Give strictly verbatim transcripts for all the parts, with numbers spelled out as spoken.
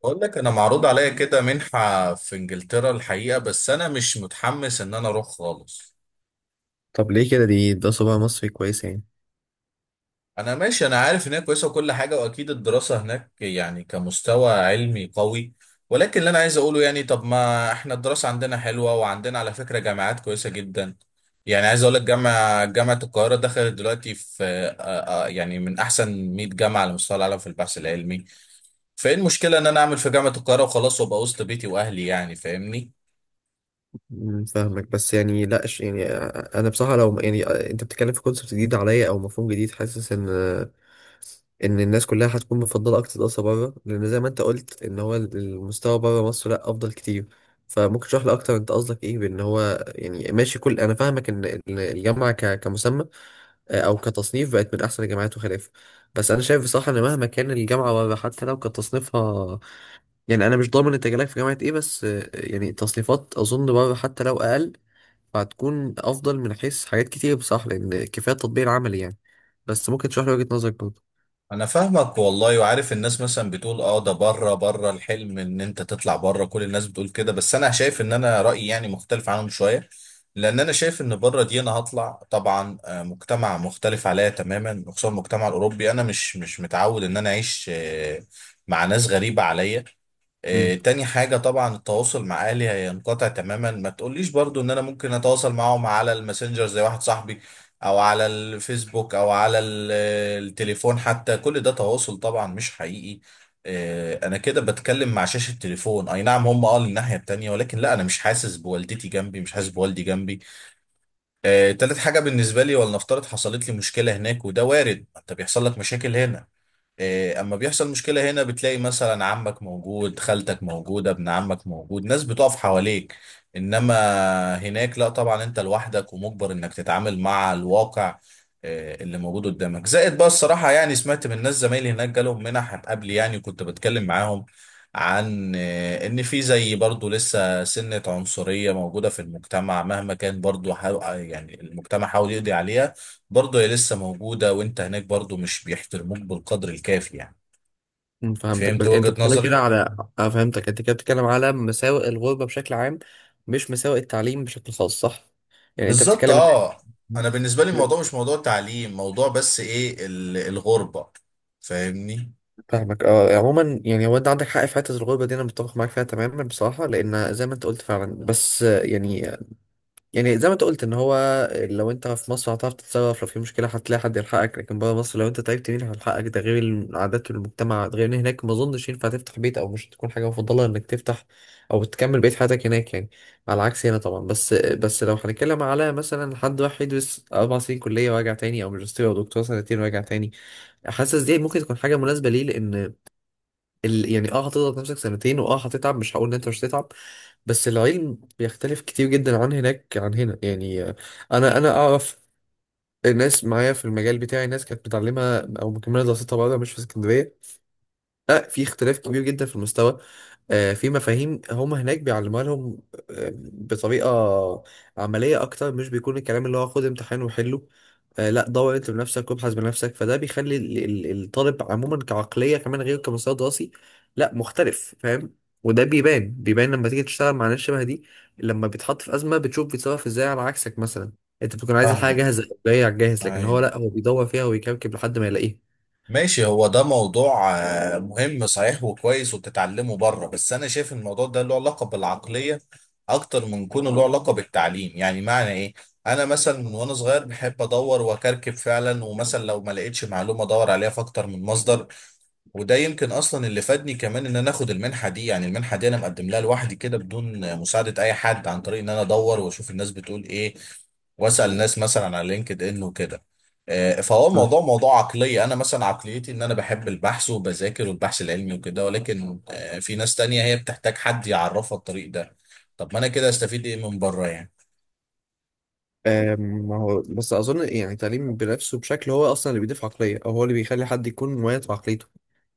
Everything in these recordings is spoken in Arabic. بقول لك انا معروض عليا كده منحة في انجلترا الحقيقة، بس انا مش متحمس ان انا اروح خالص. طب ليه كده، دي ده صباع مصري كويس يعني؟ انا ماشي، انا عارف ان هي كويسة وكل حاجة، واكيد الدراسة هناك يعني كمستوى علمي قوي، ولكن اللي انا عايز اقوله يعني طب ما احنا الدراسة عندنا حلوة، وعندنا على فكرة جامعات كويسة جدا. يعني عايز اقول لك جامعة جامعة القاهرة دخلت دلوقتي في آه، آه، آه، يعني من احسن مية جامعة على مستوى العالم في البحث العلمي. فايه المشكلة ان انا اعمل في جامعة القاهرة وخلاص وابقى وسط بيتي واهلي، يعني فاهمني؟ مم، فاهمك. بس يعني لا، ش- يعني انا بصراحه، لو يعني انت بتتكلم في كونسبت جديد عليا او مفهوم جديد، حاسس ان ان الناس كلها هتكون مفضله اكتر دراسه بره، لان زي ما انت قلت ان هو المستوى بره مصر لا، افضل كتير. فممكن تشرح لي اكتر؟ انت قصدك ايه؟ بان هو يعني ماشي، كل انا فاهمك ان إن الجامعه ك- كمسمى آه، او كتصنيف، بقت من احسن الجامعات وخلافه. بس انا شايف بصراحه ان مهما كان الجامعه بره، حتى لو كتصنيفها، يعني انا مش ضامن انت جالك في جامعه ايه، بس آه، يعني تصنيفات اظن برضه حتى لو اقل، فهتكون افضل من حيث حاجات كتير بصراحه، لان كفايه التطبيق العملي يعني. بس ممكن تشرح لي وجهه نظرك برضه؟ انا فاهمك والله، وعارف الناس مثلا بتقول اه ده بره بره الحلم ان انت تطلع بره، كل الناس بتقول كده، بس انا شايف ان انا رايي يعني مختلف عنهم شويه. لان انا شايف ان بره دي انا هطلع طبعا آه، مجتمع مختلف عليا تماما، وخصوصا المجتمع الاوروبي، انا مش مش متعود ان انا اعيش آه، مع ناس غريبه عليا. آه، امم تاني حاجة طبعا التواصل مع أهلي هينقطع تماما. ما تقوليش برضو إن أنا ممكن أتواصل معاهم على الماسنجر زي واحد صاحبي، أو على الفيسبوك، أو على ال- التليفون حتى. كل ده تواصل طبعا مش حقيقي. آه، أنا كده بتكلم مع شاشة تليفون. أي نعم هم قالوا الناحية التانية، ولكن لا، أنا مش حاسس بوالدتي جنبي، مش حاسس بوالدي جنبي. آه، تالت حاجة بالنسبة لي، ولنفترض حصلت لي مشكلة هناك، وده وارد، أنت بيحصل لك مشاكل هنا. إيه، اما بيحصل مشكلة هنا بتلاقي مثلا عمك موجود، خالتك موجودة، ابن عمك موجود، ناس بتقف حواليك. انما هناك لا طبعا، انت لوحدك، ومجبر انك تتعامل مع الواقع إيه، اللي موجود قدامك. زائد بقى الصراحة يعني سمعت من ناس زمايلي هناك جالهم منح قبل، يعني كنت بتكلم معاهم عن إيه، ان في زي برضو لسه سنة عنصرية موجودة في المجتمع. مهما كان برضو حاو- يعني المجتمع حاول يقضي عليها، برضه هي لسه موجودة، وانت هناك برضه مش بيحترموك بالقدر الكافي يعني. أمم، فهمتك. فهمت بس انت وجهة بتتكلم كده نظري؟ على، اه فهمتك، انت كده بتتكلم على مساوئ الغربة بشكل عام، مش مساوئ التعليم بشكل خاص، صح؟ يعني انت بالظبط بتتكلم اه. انا بالنسبة لي إن- الموضوع مش موضوع تعليم، موضوع بس ايه، ال- الغربة. فاهمني؟ فاهمك، اه. عموما يعني هو انت عندك حق في حته الغربه دي، انا متفق معاك فيها تماما بصراحه، لان زي ما انت قلت فعلا. بس آه، يعني يعني زي ما انت قلت ان هو، لو انت في مصر هتعرف تتصرف، لو في مشكله هتلاقي حد يلحقك، لكن بره مصر لو انت تعبت مين هيلحقك؟ ده غير العادات والمجتمع، غير ان هناك ما اظنش ينفع تفتح بيت، او مش تكون حاجه مفضله انك تفتح او تكمل بقيه حياتك هناك يعني، على عكس هنا طبعا. بس بس لو هنتكلم على مثلا حد راح يدرس اربع سنين كليه وراجع تاني، او ماجستير او دكتوراه سنتين وراجع تاني، حاسس دي ممكن تكون حاجه مناسبه ليه، لان ال... يعني اه هتضغط نفسك سنتين، واه هتتعب، مش هقول ان انت مش هتتعب، بس العلم بيختلف كتير جدا عن هناك عن هنا يعني. آه، انا انا اعرف ناس معايا في المجال بتاعي، ناس كانت بتعلمها او مكمله دراستها بره مش في اسكندريه، لا. في اختلاف كبير جدا في المستوى، آه، في مفاهيم هم هناك بيعلموها لهم آه، بطريقة عملية أكتر، مش بيكون الكلام اللي هو خد امتحان وحله. آه، لا، دور أنت بنفسك وابحث بنفسك، فده بيخلي ال- ال- الطالب عموما كعقلية كمان، غير كمستوى دراسي لا مختلف، فاهم؟ وده بيبان بيبان لما تيجي تشتغل مع ناس شبه دي، لما بيتحط في أزمة بتشوف بيتصرف إزاي على عكسك. مثلا أنت بتكون عايز الحاجة فاهمك، جاهزة جاية على الجاهز، لكن هو ايوه، لا، هو بيدور فيها ويكركب لحد ما يلاقيها. ماشي. هو ده موضوع آه، مهم صحيح وكويس، وتتعلمه بره، بس انا شايف إن الموضوع ده له علاقة بالعقلية اكتر من كونه له علاقة بالتعليم. يعني معنى ايه؟ انا مثلا من وانا صغير بحب ادور واكركب فعلا، ومثلا لو ما لقيتش معلومه ادور عليها في اكتر من مصدر. وده يمكن اصلا اللي فادني كمان ان انا اخد المنحه دي. يعني المنحه دي انا مقدم لها لوحدي كده بدون مساعده اي حد، عن طريق ان انا ادور واشوف الناس بتقول ايه، واسال الناس مثلا على لينكد ان وكده. آه، فهو الموضوع موضوع عقليه. انا مثلا عقليتي ان انا بحب البحث وبذاكر والبحث العلمي وكده، ولكن آه، في ناس تانية هي بتحتاج حد يعرفها الطريق ده. طب ما انا كده استفيد ايه من بره يعني؟ آم، ما هو بس اظن يعني التعليم بنفسه بشكل هو اصلا اللي بيضيف عقليه، او هو اللي بيخلي حد يكون مميز بعقليته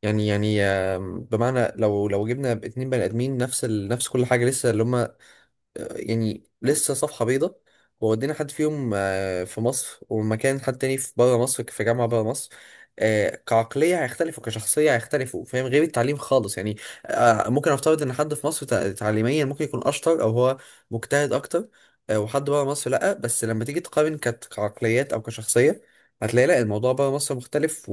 يعني. يعني آم، بمعنى، لو لو جبنا اتنين بني ادمين نفس ال... نفس كل حاجه، لسه اللي هم يعني لسه صفحة بيضة، وودينا حد فيهم آه، في مصر، ومكان حد تاني في بره مصر في جامعة بره مصر، آه، كعقلية هيختلفوا، كشخصية هيختلفوا، فاهم؟ غير التعليم خالص يعني. آه، ممكن أفترض إن حد في مصر تع- تعليميا ممكن يكون أشطر، أو هو مجتهد أكتر، آه، وحد بره مصر لأ. بس لما تيجي تقارن كت- كعقليات أو كشخصية، هتلاقي لأ، الموضوع بره مصر مختلف،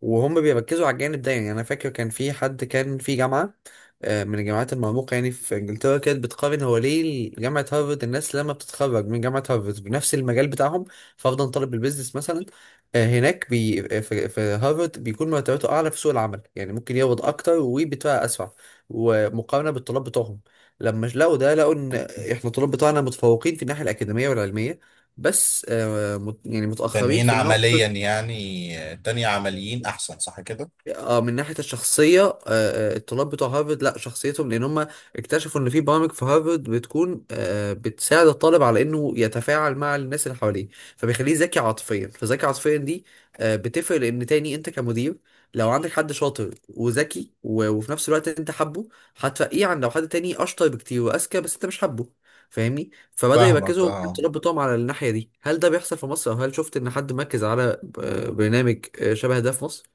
وهم بيركزوا على الجانب ده. يعني انا فاكر كان في حد كان في جامعه، آه، من الجامعات المرموقه يعني، في انجلترا، كانت بتقارن هو ليه جامعه هارفارد، الناس لما بتتخرج من جامعه هارفارد بنفس المجال بتاعهم، فرضا طالب البيزنس مثلا، آه، هناك، بي آه، في في هارفارد، بيكون مرتباته اعلى في سوق العمل، يعني ممكن يقبض اكتر وبيترقى اسرع، ومقارنه بالطلاب بتوعهم. لما لقوا ده لقوا ان احنا الطلاب بتوعنا متفوقين في الناحيه الاكاديميه والعلميه، بس آه، مت- يعني متاخرين تانيين في النقطه، عمليا يعني، آه، تانية عمليين احسن، صح كده؟ اه، من ناحية الشخصية. آه، آه، الطلاب بتوع هارفرد لا، شخصيتهم، لأن هم اكتشفوا إن في برامج في هارفرد بتكون آه، بتساعد الطالب على إنه يتفاعل مع الناس اللي حواليه، فبيخليه ذكي عاطفيا. فذكي عاطفيا دي آه، بتفرق، لأن تاني أنت كمدير، لو عندك حد شاطر وذكي، و- وفي نفس الوقت أنت حابه، هتفقيه عن لو حد تاني أشطر بكتير وأذكى بس أنت مش حابه، فاهمني؟ فبدأوا فاهمك يركزوا اه. الطلاب بتوعهم على الناحية دي. هل ده بيحصل في مصر؟ أو هل شفت إن حد مركز على آه، برنامج آه، شبه ده في مصر؟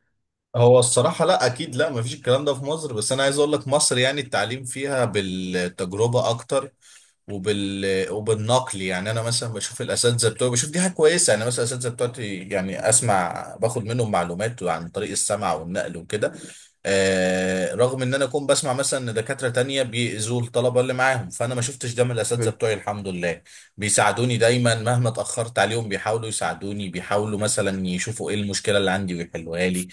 هو الصراحة لا، أكيد لا، مفيش الكلام ده في مصر، بس أنا عايز أقول لك مصر يعني التعليم فيها بالتجربة أكتر، وبال وبالنقل. يعني أنا مثلا بشوف الأساتذة بتوعي، بشوف دي حاجة كويسة. يعني مثلا الأساتذة بتوعتي يعني أسمع، باخد منهم معلومات عن طريق السمع والنقل وكده. آه، رغم إن أنا أكون بسمع مثلا إن دكاترة تانية بيأذوا الطلبة اللي معاهم، فأنا ما شفتش ده من الأساتذة بتوعي الحمد لله. بيساعدوني دايما مهما اتأخرت عليهم، بيحاولوا يساعدوني، بيحاولوا مثلا يشوفوا إيه المشكلة اللي عندي ويحلوها لي.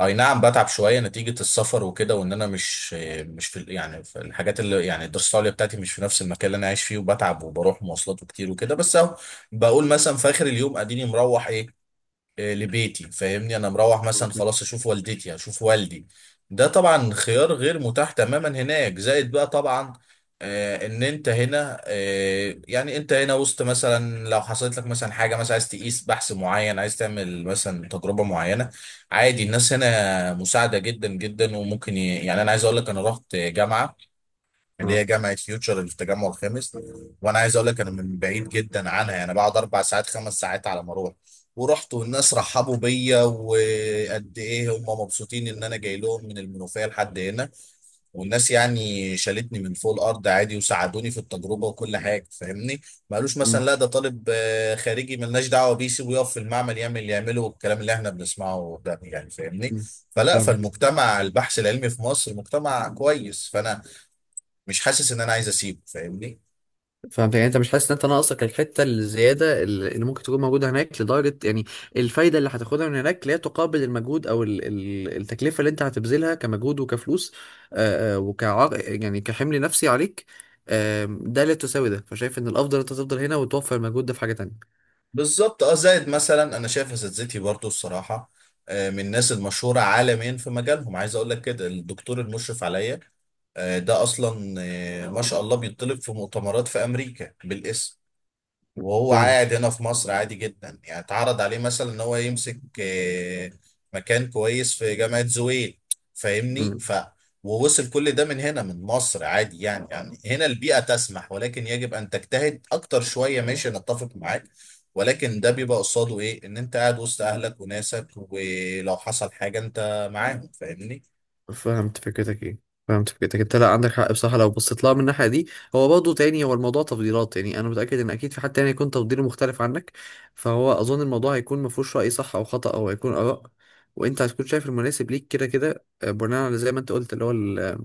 اي نعم بتعب شويه نتيجه السفر وكده، وان انا مش مش في، يعني في الحاجات اللي يعني الدراسه العليا بتاعتي مش في نفس المكان اللي انا عايش فيه، وبتعب وبروح مواصلات وكتير وكده، بس اهو بقول مثلا في اخر اليوم اديني مروح ايه آه، لبيتي، فاهمني؟ انا مروح مثلا خلاص اشوف والدتي اشوف والدي. ده طبعا خيار غير متاح تماما هناك. زائد بقى طبعا آه، ان انت هنا، آه، يعني انت هنا وسط، مثلا لو حصلت لك مثلا حاجه، مثلا عايز تقيس بحث معين، عايز تعمل مثلا تجربه معينه، عادي الناس هنا مساعده جدا جدا، وممكن ي... يعني انا عايز اقول لك انا رحت جامعه، اللي اه. هي جامعه فيوتشر اللي في التجمع الخامس، وانا عايز اقول لك انا من بعيد جدا عنها، يعني بقعد اربع ساعات خمس ساعات على ما اروح. ورحت والناس رحبوا بيا، وقد ايه هم مبسوطين ان انا جاي لهم من المنوفيه لحد هنا. والناس يعني شالتني من فوق الارض عادي، وساعدوني في التجربه وكل حاجه، فاهمني؟ ما قالوش مم. مثلا لا ده طالب آه، خارجي ملناش دعوه بيه، سيبه يقف في المعمل يعمل اللي يعمله، والكلام اللي احنا بنسمعه ده، يعني فاهمني؟ مم. فلا، فاهمك. فالمجتمع البحث العلمي في مصر مجتمع كويس، فانا مش حاسس ان انا عايز اسيبه، فاهمني؟ فاهمك، يعني انت مش حاسس ان انت ناقصك الحته الزياده اللي اللي ممكن تكون موجوده هناك، لدرجه يعني الفايده اللي هتاخدها من هناك لا تقابل المجهود او ال- ال- التكلفه اللي انت هتبذلها، كمجهود وكفلوس، آه، آه، وكعر يعني كحمل نفسي عليك، آم، ده لا تساوي ده. فشايف ان الافضل انت تفضل هنا، وتوفر المجهود ده في حاجه تانية. بالظبط اه. زائد مثلا انا شايف اساتذتي برضو الصراحه آه، من الناس المشهوره عالميا في مجالهم. عايز اقول لك كده الدكتور المشرف عليا آه، ده اصلا آه، ما شاء الله بيطلب في مؤتمرات في امريكا بالاسم، وهو قاعد فاهمك. هنا في مصر عادي جدا. يعني اتعرض عليه مثلا ان هو يمسك آه، مكان كويس في جامعة زويل، فاهمني؟ ف ووصل كل ده من هنا من مصر عادي، يعني يعني هنا البيئة تسمح، ولكن يجب ان تجتهد اكتر شوية. ماشي، انا اتفق معاك، ولكن ده بيبقى قصاده ايه، ان انت قاعد وسط اهلك وناسك، ولو حصل حاجة انت معاهم، فاهمني؟ فهمت فكرتك. ايه، فهمت فكرتك، انت لا عندك حق بصراحه لو بصيت لها من الناحيه دي. هو برضه تاني، هو الموضوع تفضيلات، يعني انا متاكد ان اكيد في حد تاني يكون تفضيله مختلف عنك. فهو اظن الموضوع هيكون ما فيهوش راي صح او خطا، او هيكون اراء، وانت هتكون شايف المناسب ليك كده كده، آه، بناء على زي ما انت قلت اللي هو ال- آه،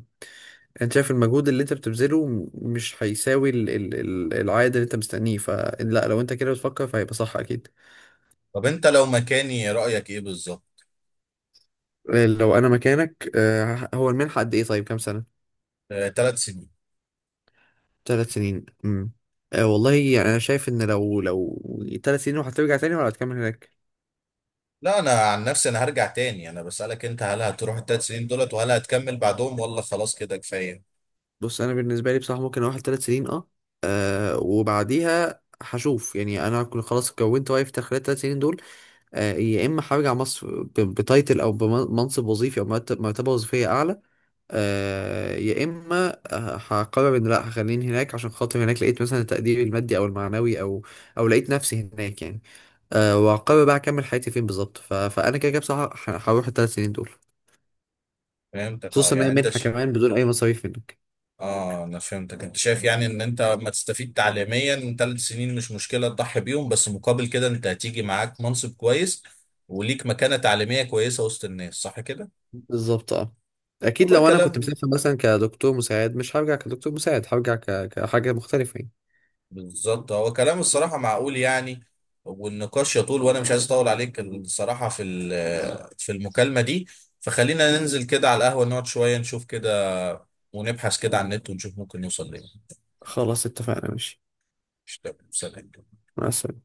انت شايف المجهود اللي انت بتبذله م- مش هيساوي ال... ال... ال- العائد اللي انت مستنيه، فلا، لو انت كده بتفكر فهيبقى صح اكيد. طب انت لو مكاني رأيك ايه بالظبط؟ آه، لو انا مكانك، آه، هو المنحه قد ايه؟ طيب كام سنه؟ ثلاث سنين. ثلاث سنين. امم آه والله، يعني انا شايف ان لو لو ثلاث سنين، وهترجع تاني ولا هتكمل هناك؟ لا انا عن نفسي انا هرجع تاني، انا بسألك انت، هل هتروح التلات سنين دولت وهل هتكمل بعدهم ولا خلاص كده كفاية؟ بص، انا بالنسبه لي بصراحه ممكن اروح ثلاث سنين، اه. آه، وبعديها هشوف، يعني انا هكون خلاص كونت وايف خلال الثلاث سنين دول. آه، يا اما هرجع مصر ب- بتايتل او بمنصب وظيفي او مرتب- مرتبه وظيفيه اعلى، آه، يا اما آه، هقرر ان لا، هخليني هناك عشان خاطر هناك لقيت مثلا التقدير المادي او المعنوي او او لقيت نفسي هناك يعني، آه. وهقرر بقى اكمل حياتي فين بالظبط. ف... فانا كده كده بصراحه ه- هروح الثلاث سنين دول، فهمتك اه. خصوصا ان هي يعني انت منحه ش... كمان بدون اي مصاريف منك. اه انا فهمتك، انت شايف يعني ان انت ما تستفيد تعليميا من ثلاث سنين مش مشكلة تضحي بيهم، بس مقابل كده انت هتيجي معاك منصب كويس وليك مكانة تعليمية كويسة وسط الناس، صح كده؟ بالظبط، اه. اكيد والله لو انا كنت كلام، مسافر مثلا كدكتور مساعد، مش هرجع كدكتور مساعد، هرجع ك... كحاجه مختلفه يعني. بالظبط، هو كلام الصراحة معقول يعني. والنقاش يطول، وانا مش عايز اطول عليك الصراحة في ال- في المكالمة دي، فخلينا ننزل كده على القهوة نقعد شوية نشوف كده، ونبحث كده على النت ونشوف ممكن نوصل ليه. خلاص اتفقنا، ماشي. مش تمام؟ سلام. مع السلامه.